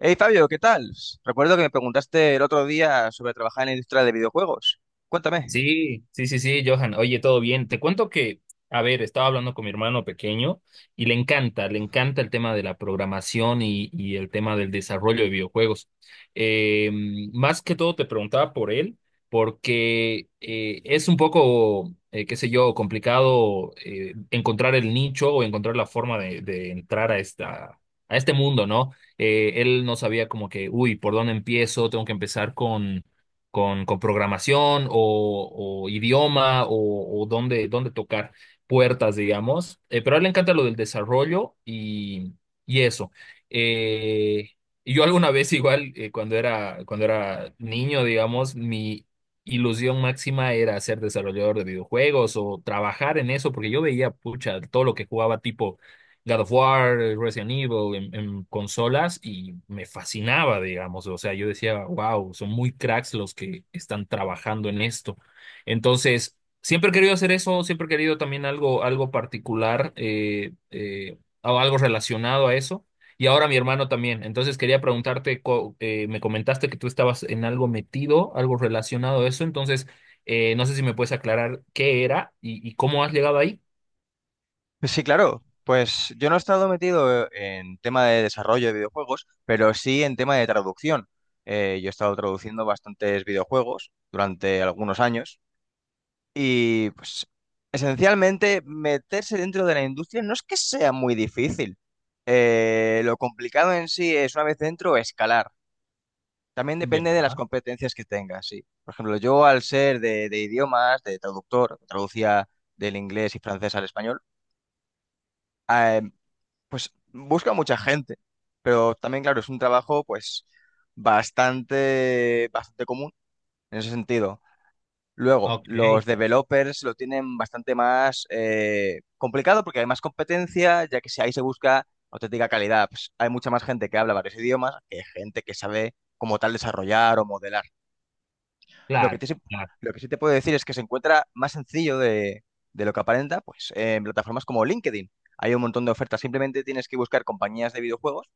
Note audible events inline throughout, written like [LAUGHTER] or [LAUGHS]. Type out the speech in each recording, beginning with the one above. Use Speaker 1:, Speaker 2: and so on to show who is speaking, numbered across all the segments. Speaker 1: Hey Fabio, ¿qué tal? Recuerdo que me preguntaste el otro día sobre trabajar en la industria de videojuegos. Cuéntame.
Speaker 2: Sí, sí, sí, sí, Johan. Oye, todo bien. Te cuento que, a ver, estaba hablando con mi hermano pequeño y le encanta el tema de la programación y el tema del desarrollo de videojuegos. Eh, Más que todo te preguntaba por él, porque es un poco, qué sé yo, complicado, encontrar el nicho o encontrar la forma de entrar a a este mundo, ¿no? Él no sabía como que, uy, ¿por dónde empiezo? Tengo que empezar con programación o idioma o dónde tocar puertas, digamos. Pero a él le encanta lo del desarrollo y eso. Eh, y yo alguna vez igual, cuando era niño, digamos, mi ilusión máxima era ser desarrollador de videojuegos o trabajar en eso, porque yo veía, pucha, todo lo que jugaba tipo God of War, Resident Evil en consolas y me fascinaba, digamos. O sea, yo decía, wow, son muy cracks los que están trabajando en esto. Entonces, siempre he querido hacer eso, siempre he querido también algo, algo particular, o algo relacionado a eso. Y ahora mi hermano también. Entonces quería preguntarte, me comentaste que tú estabas en algo metido, algo relacionado a eso. Entonces, no sé si me puedes aclarar qué era y cómo has llegado ahí.
Speaker 1: Sí, claro. Pues yo no he estado metido en tema de desarrollo de videojuegos, pero sí en tema de traducción. Yo he estado traduciendo bastantes videojuegos durante algunos años y pues esencialmente meterse dentro de la industria no es que sea muy difícil. Lo complicado en sí es, una vez dentro, escalar. También
Speaker 2: Ya,
Speaker 1: depende de las competencias que tengas, sí. Por ejemplo, yo al ser de idiomas, de traductor, traducía del inglés y francés al español, eh, pues busca mucha gente. Pero también, claro, es un trabajo pues bastante común en ese sentido. Luego,
Speaker 2: ok.
Speaker 1: los developers lo tienen bastante más complicado, porque hay más competencia, ya que si ahí se busca auténtica calidad, pues hay mucha más gente que habla varios idiomas que gente que sabe como tal desarrollar o modelar. Lo que,
Speaker 2: Claro.
Speaker 1: te, sí-
Speaker 2: Claro.
Speaker 1: lo que sí te puedo decir es que se encuentra más sencillo de lo que aparenta, pues en plataformas como LinkedIn. Hay un montón de ofertas. Simplemente tienes que buscar compañías de videojuegos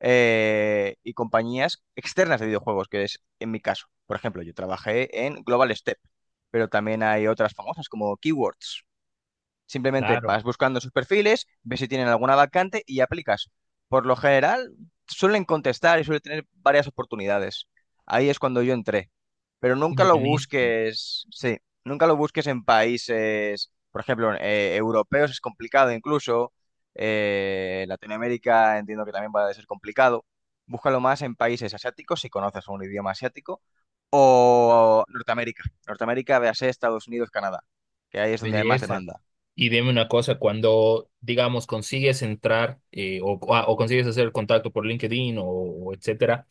Speaker 1: y compañías externas de videojuegos, que es en mi caso. Por ejemplo, yo trabajé en Global Step, pero también hay otras famosas como Keywords. Simplemente
Speaker 2: Claro,
Speaker 1: vas buscando sus perfiles, ves si tienen alguna vacante y aplicas. Por lo general, suelen contestar y suelen tener varias oportunidades. Ahí es cuando yo entré. Pero nunca lo
Speaker 2: buenísimo,
Speaker 1: busques, sí, nunca lo busques en países, por ejemplo, europeos es complicado incluso, Latinoamérica entiendo que también va a ser complicado. Búscalo más en países asiáticos, si conoces un idioma asiático, o Norteamérica. Norteamérica, véase Estados Unidos, Canadá, que ahí es donde hay más
Speaker 2: belleza.
Speaker 1: demanda.
Speaker 2: Y dime una cosa, cuando, digamos, consigues entrar, o consigues hacer contacto por LinkedIn o etcétera,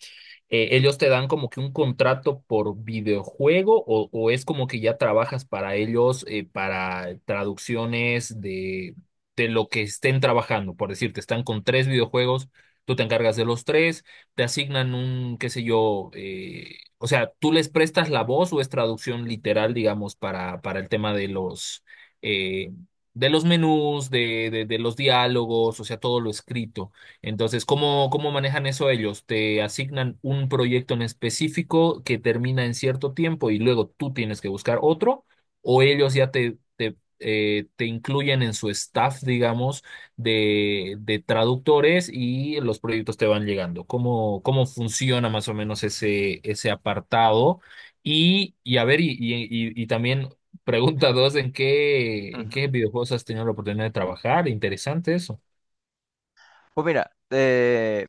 Speaker 2: ellos te dan como que un contrato por videojuego, o es como que ya trabajas para ellos, para traducciones de lo que estén trabajando. Por decirte, están con tres videojuegos, tú te encargas de los tres, te asignan un, qué sé yo, o sea, tú les prestas la voz o es traducción literal, digamos, para el tema eh, de los menús, de los diálogos, o sea, todo lo escrito. Entonces, ¿cómo, cómo manejan eso ellos? Te asignan un proyecto en específico que termina en cierto tiempo y luego tú tienes que buscar otro, o ellos ya te incluyen en su staff, digamos, de traductores y los proyectos te van llegando. ¿Cómo, cómo funciona más o menos ese, ese apartado? Y a ver, y también [LAUGHS] pregunta dos, en
Speaker 1: Ujú.
Speaker 2: qué videojuegos has tenido la oportunidad de trabajar? Interesante eso.
Speaker 1: Pues mira,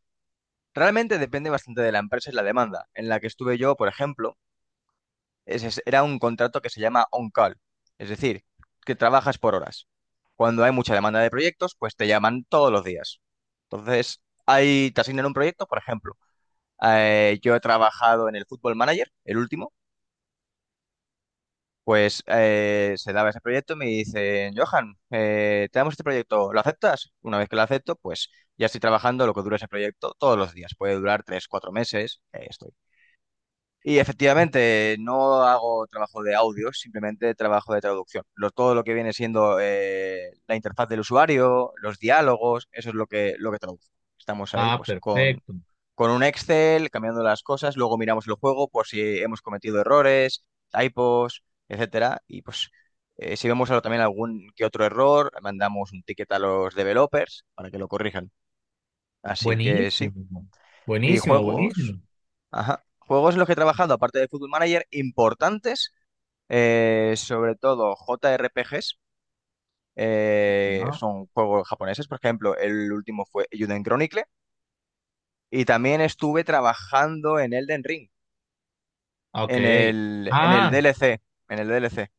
Speaker 1: realmente depende bastante de la empresa y la demanda. En la que estuve yo, por ejemplo, era un contrato que se llama on-call, es decir, que trabajas por horas. Cuando hay mucha demanda de proyectos, pues te llaman todos los días. Entonces, ahí te asignan un proyecto. Por ejemplo, yo he trabajado en el Football Manager, el último, pues se daba ese proyecto y me dicen, Johan, te damos este proyecto, ¿lo aceptas? Una vez que lo acepto, pues ya estoy trabajando lo que dura ese proyecto todos los días. Puede durar tres, cuatro meses, esto. Y efectivamente, no hago trabajo de audio, simplemente trabajo de traducción. Todo lo que viene siendo la interfaz del usuario, los diálogos, eso es lo que traduzco. Estamos ahí
Speaker 2: Ah,
Speaker 1: pues
Speaker 2: perfecto.
Speaker 1: con un Excel, cambiando las cosas, luego miramos el juego por si hemos cometido errores, typos, etcétera. Y pues si vemos también algún que otro error, mandamos un ticket a los developers para que lo corrijan. Así que sí.
Speaker 2: Buenísimo,
Speaker 1: ¿Y
Speaker 2: buenísimo,
Speaker 1: juegos?
Speaker 2: buenísimo.
Speaker 1: Ajá. Juegos en los que he trabajado, aparte de Football Manager, importantes, sobre todo JRPGs,
Speaker 2: Ah,
Speaker 1: son juegos japoneses. Por ejemplo, el último fue Juden Chronicle, y también estuve trabajando en Elden Ring,
Speaker 2: ok.
Speaker 1: en el
Speaker 2: Ah,
Speaker 1: DLC, en el DLC.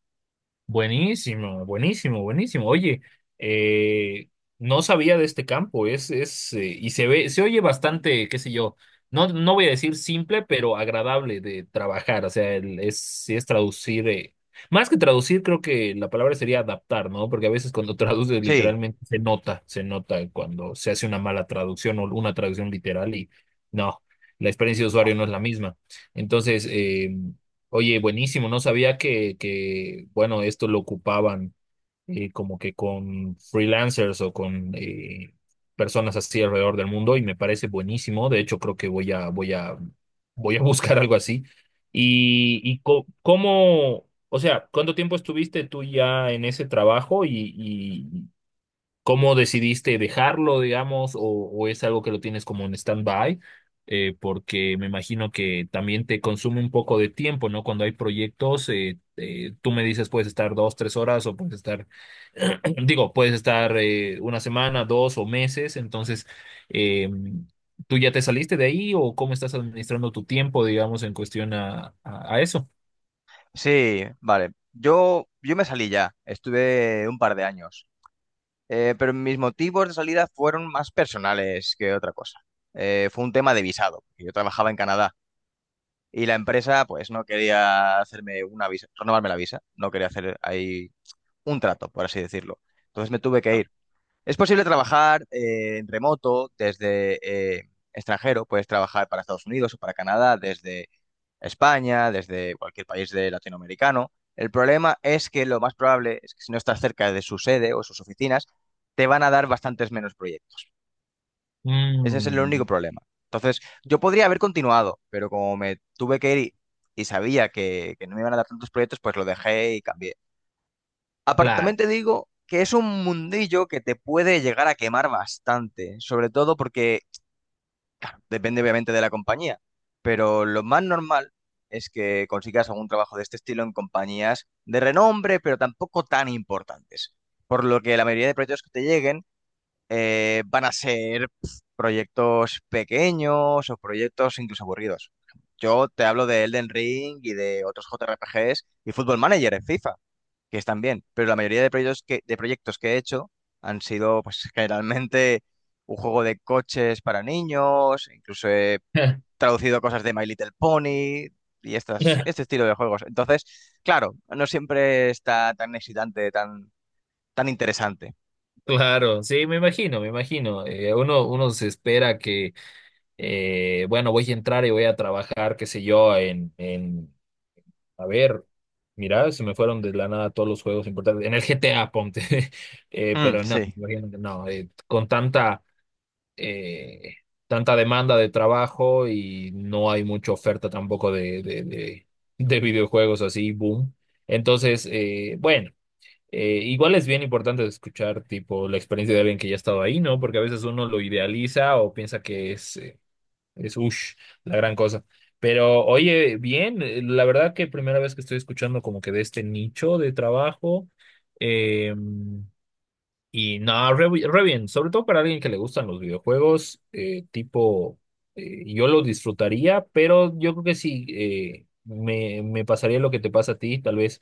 Speaker 2: buenísimo, buenísimo, buenísimo. Oye, eh, no sabía de este campo, y se ve, se oye bastante, qué sé yo, no, no voy a decir simple, pero agradable de trabajar. O sea, sí es traducir, más que traducir, creo que la palabra sería adaptar, ¿no? Porque a veces cuando [LAUGHS] traduces
Speaker 1: Sí,
Speaker 2: literalmente se nota cuando se hace una mala traducción o una traducción literal y no, la experiencia de usuario no es la misma. Entonces, oye, buenísimo, no sabía que bueno, esto lo ocupaban, como que con freelancers o con personas así alrededor del mundo y me parece buenísimo. De hecho, creo que voy a [LAUGHS] buscar algo así. Cómo, o sea, ¿cuánto tiempo estuviste tú ya en ese trabajo y cómo decidiste dejarlo, digamos, o es algo que lo tienes como en stand-by? Porque me imagino que también te consume un poco de tiempo, ¿no? Cuando hay proyectos, tú me dices puedes estar dos, tres horas o puedes estar, [CLEARS THROAT] digo, puedes estar, una semana, dos o meses. Entonces, eh, ¿tú ya te saliste de ahí o cómo estás administrando tu tiempo, digamos, en cuestión a eso?
Speaker 1: sí, vale. Yo me salí ya, estuve un par de años. Pero mis motivos de salida fueron más personales que otra cosa. Fue un tema de visado, porque yo trabajaba en Canadá. Y la empresa, pues, no quería hacerme una visa, renovarme la visa. No quería hacer ahí un trato, por así decirlo. Entonces me tuve que
Speaker 2: Ah,
Speaker 1: ir. Es posible trabajar en remoto desde extranjero. Puedes trabajar para Estados Unidos o para Canadá desde España, desde cualquier país de latinoamericano. El problema es que lo más probable es que si no estás cerca de su sede o sus oficinas, te van a dar bastantes menos proyectos. Ese es el
Speaker 2: mm,
Speaker 1: único problema. Entonces, yo podría haber continuado, pero como me tuve que ir y sabía que no me iban a dar tantos proyectos, pues lo dejé y cambié. Aparte,
Speaker 2: claro.
Speaker 1: también te digo que es un mundillo que te puede llegar a quemar bastante, sobre todo porque depende obviamente de la compañía, pero lo más normal es que consigas algún trabajo de este estilo en compañías de renombre, pero tampoco tan importantes. Por lo que la mayoría de proyectos que te lleguen van a ser pf, proyectos pequeños o proyectos incluso aburridos. Yo te hablo de Elden Ring y de otros JRPGs y Football Manager en FIFA, que están bien, pero la mayoría de proyectos que he hecho han sido pues [LAUGHS] generalmente un juego de coches para niños. Incluso he
Speaker 2: [LAUGHS]
Speaker 1: traducido cosas de My Little Pony y estas, este estilo de juegos. Entonces, claro, no siempre está tan excitante, tan, tan interesante.
Speaker 2: Claro, sí, me imagino, me imagino. Uno se espera que, bueno, voy a entrar y voy a trabajar, qué sé yo, a ver, mira, se me fueron de la nada todos los juegos importantes, en el GTA, ponte. [LAUGHS]
Speaker 1: Mm,
Speaker 2: Pero no, me
Speaker 1: sí.
Speaker 2: imagino que no, con tanta, eh, tanta demanda de trabajo y no hay mucha oferta tampoco de videojuegos así, boom. Entonces, bueno. Igual es bien importante escuchar, tipo, la experiencia de alguien que ya ha estado ahí, ¿no? Porque a veces uno lo idealiza o piensa que es ush, la gran cosa. Pero, oye, bien, la verdad que primera vez que estoy escuchando como que de este nicho de trabajo. em, y nada, re bien, sobre todo para alguien que le gustan los videojuegos, tipo, yo lo disfrutaría, pero yo creo que sí, me pasaría lo que te pasa a ti, tal vez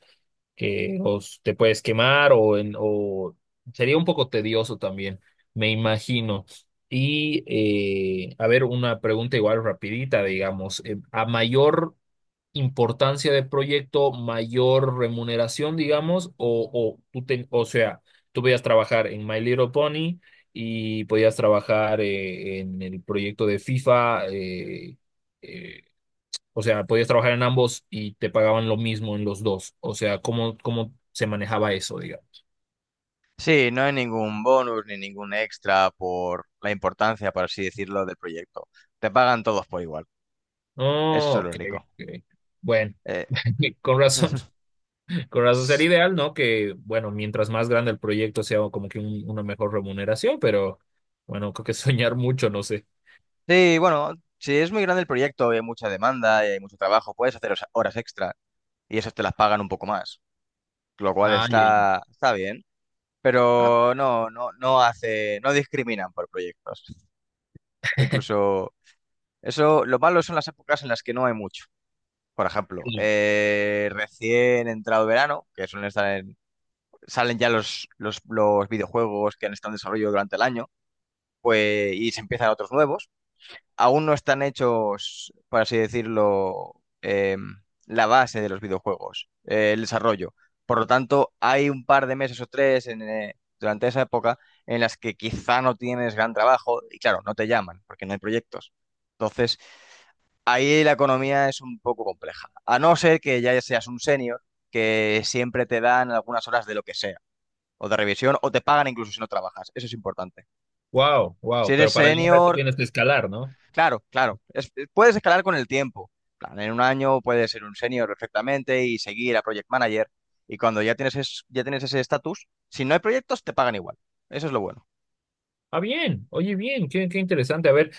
Speaker 2: que te puedes quemar o sería un poco tedioso también, me imagino. Y a ver, una pregunta igual rapidita, digamos, a mayor importancia de proyecto, mayor remuneración, digamos, o sea, tú podías trabajar en My Little Pony y podías trabajar, en el proyecto de FIFA, eh, o sea, podías trabajar en ambos y te pagaban lo mismo en los dos. O sea, ¿cómo, cómo se manejaba eso, digamos?
Speaker 1: Sí, no hay ningún bonus ni ningún extra por la importancia, por así decirlo, del proyecto. Te pagan todos por igual. Eso
Speaker 2: Oh,
Speaker 1: es lo
Speaker 2: ok,
Speaker 1: único.
Speaker 2: ok. Bueno,
Speaker 1: Eh,
Speaker 2: [LAUGHS] con razón.
Speaker 1: [LAUGHS]
Speaker 2: Con razón
Speaker 1: s-
Speaker 2: sería ideal, ¿no? Que, bueno, mientras más grande el proyecto sea, como que una mejor remuneración, pero bueno, creo que [LAUGHS] soñar mucho, no sé.
Speaker 1: Sí, bueno, si es muy grande el proyecto y hay mucha demanda y hay mucho trabajo, puedes hacer horas extra y esas te las pagan un poco más, lo cual
Speaker 2: Ay, ay,
Speaker 1: está, está bien,
Speaker 2: ah.
Speaker 1: pero no, no, no hace, no discriminan por proyectos.
Speaker 2: [LAUGHS]
Speaker 1: Incluso eso, lo malo son las épocas en las que no hay mucho. Por ejemplo, recién entrado verano, que suelen estar en salen ya los videojuegos que han estado en desarrollo durante el año, pues, y se empiezan otros nuevos. Aún no están hechos, por así decirlo, la base de los videojuegos, el desarrollo. Por lo tanto, hay un par de meses o tres en, durante esa época en las que quizá no tienes gran trabajo y claro, no te llaman porque no hay proyectos. Entonces, ahí la economía es un poco compleja. A no ser que ya seas un senior, que siempre te dan algunas horas de lo que sea o de revisión o te pagan incluso si no trabajas. Eso es importante.
Speaker 2: Wow,
Speaker 1: Si
Speaker 2: wow,
Speaker 1: eres
Speaker 2: pero para llegar a esto
Speaker 1: senior,
Speaker 2: tienes que escalar, ¿no?
Speaker 1: claro, claro, puedes escalar con el tiempo. En plan, en un año puedes ser un senior perfectamente y seguir a project manager. Y cuando ya tienes, ya tienes ese estatus, si no hay proyectos, te pagan igual. Eso es lo bueno.
Speaker 2: Ah, bien, oye, bien, qué, qué interesante. A ver,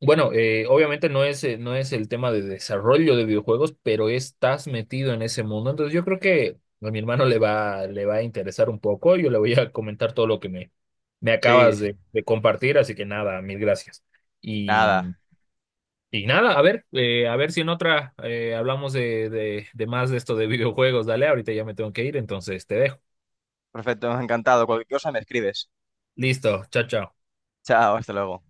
Speaker 2: bueno, obviamente no es, no es el tema de desarrollo de videojuegos, pero estás metido en ese mundo. Entonces yo creo que a mi hermano le va a interesar un poco. Yo le voy a comentar todo lo que me
Speaker 1: Sí,
Speaker 2: acabas de compartir. Así que nada, mil gracias. Y,
Speaker 1: nada.
Speaker 2: y nada, a ver si en otra, hablamos de más de esto de videojuegos. Dale, ahorita ya me tengo que ir, entonces te dejo.
Speaker 1: Perfecto, encantado. Cualquier cosa me escribes.
Speaker 2: Listo, chao, chao.
Speaker 1: Chao, hasta luego.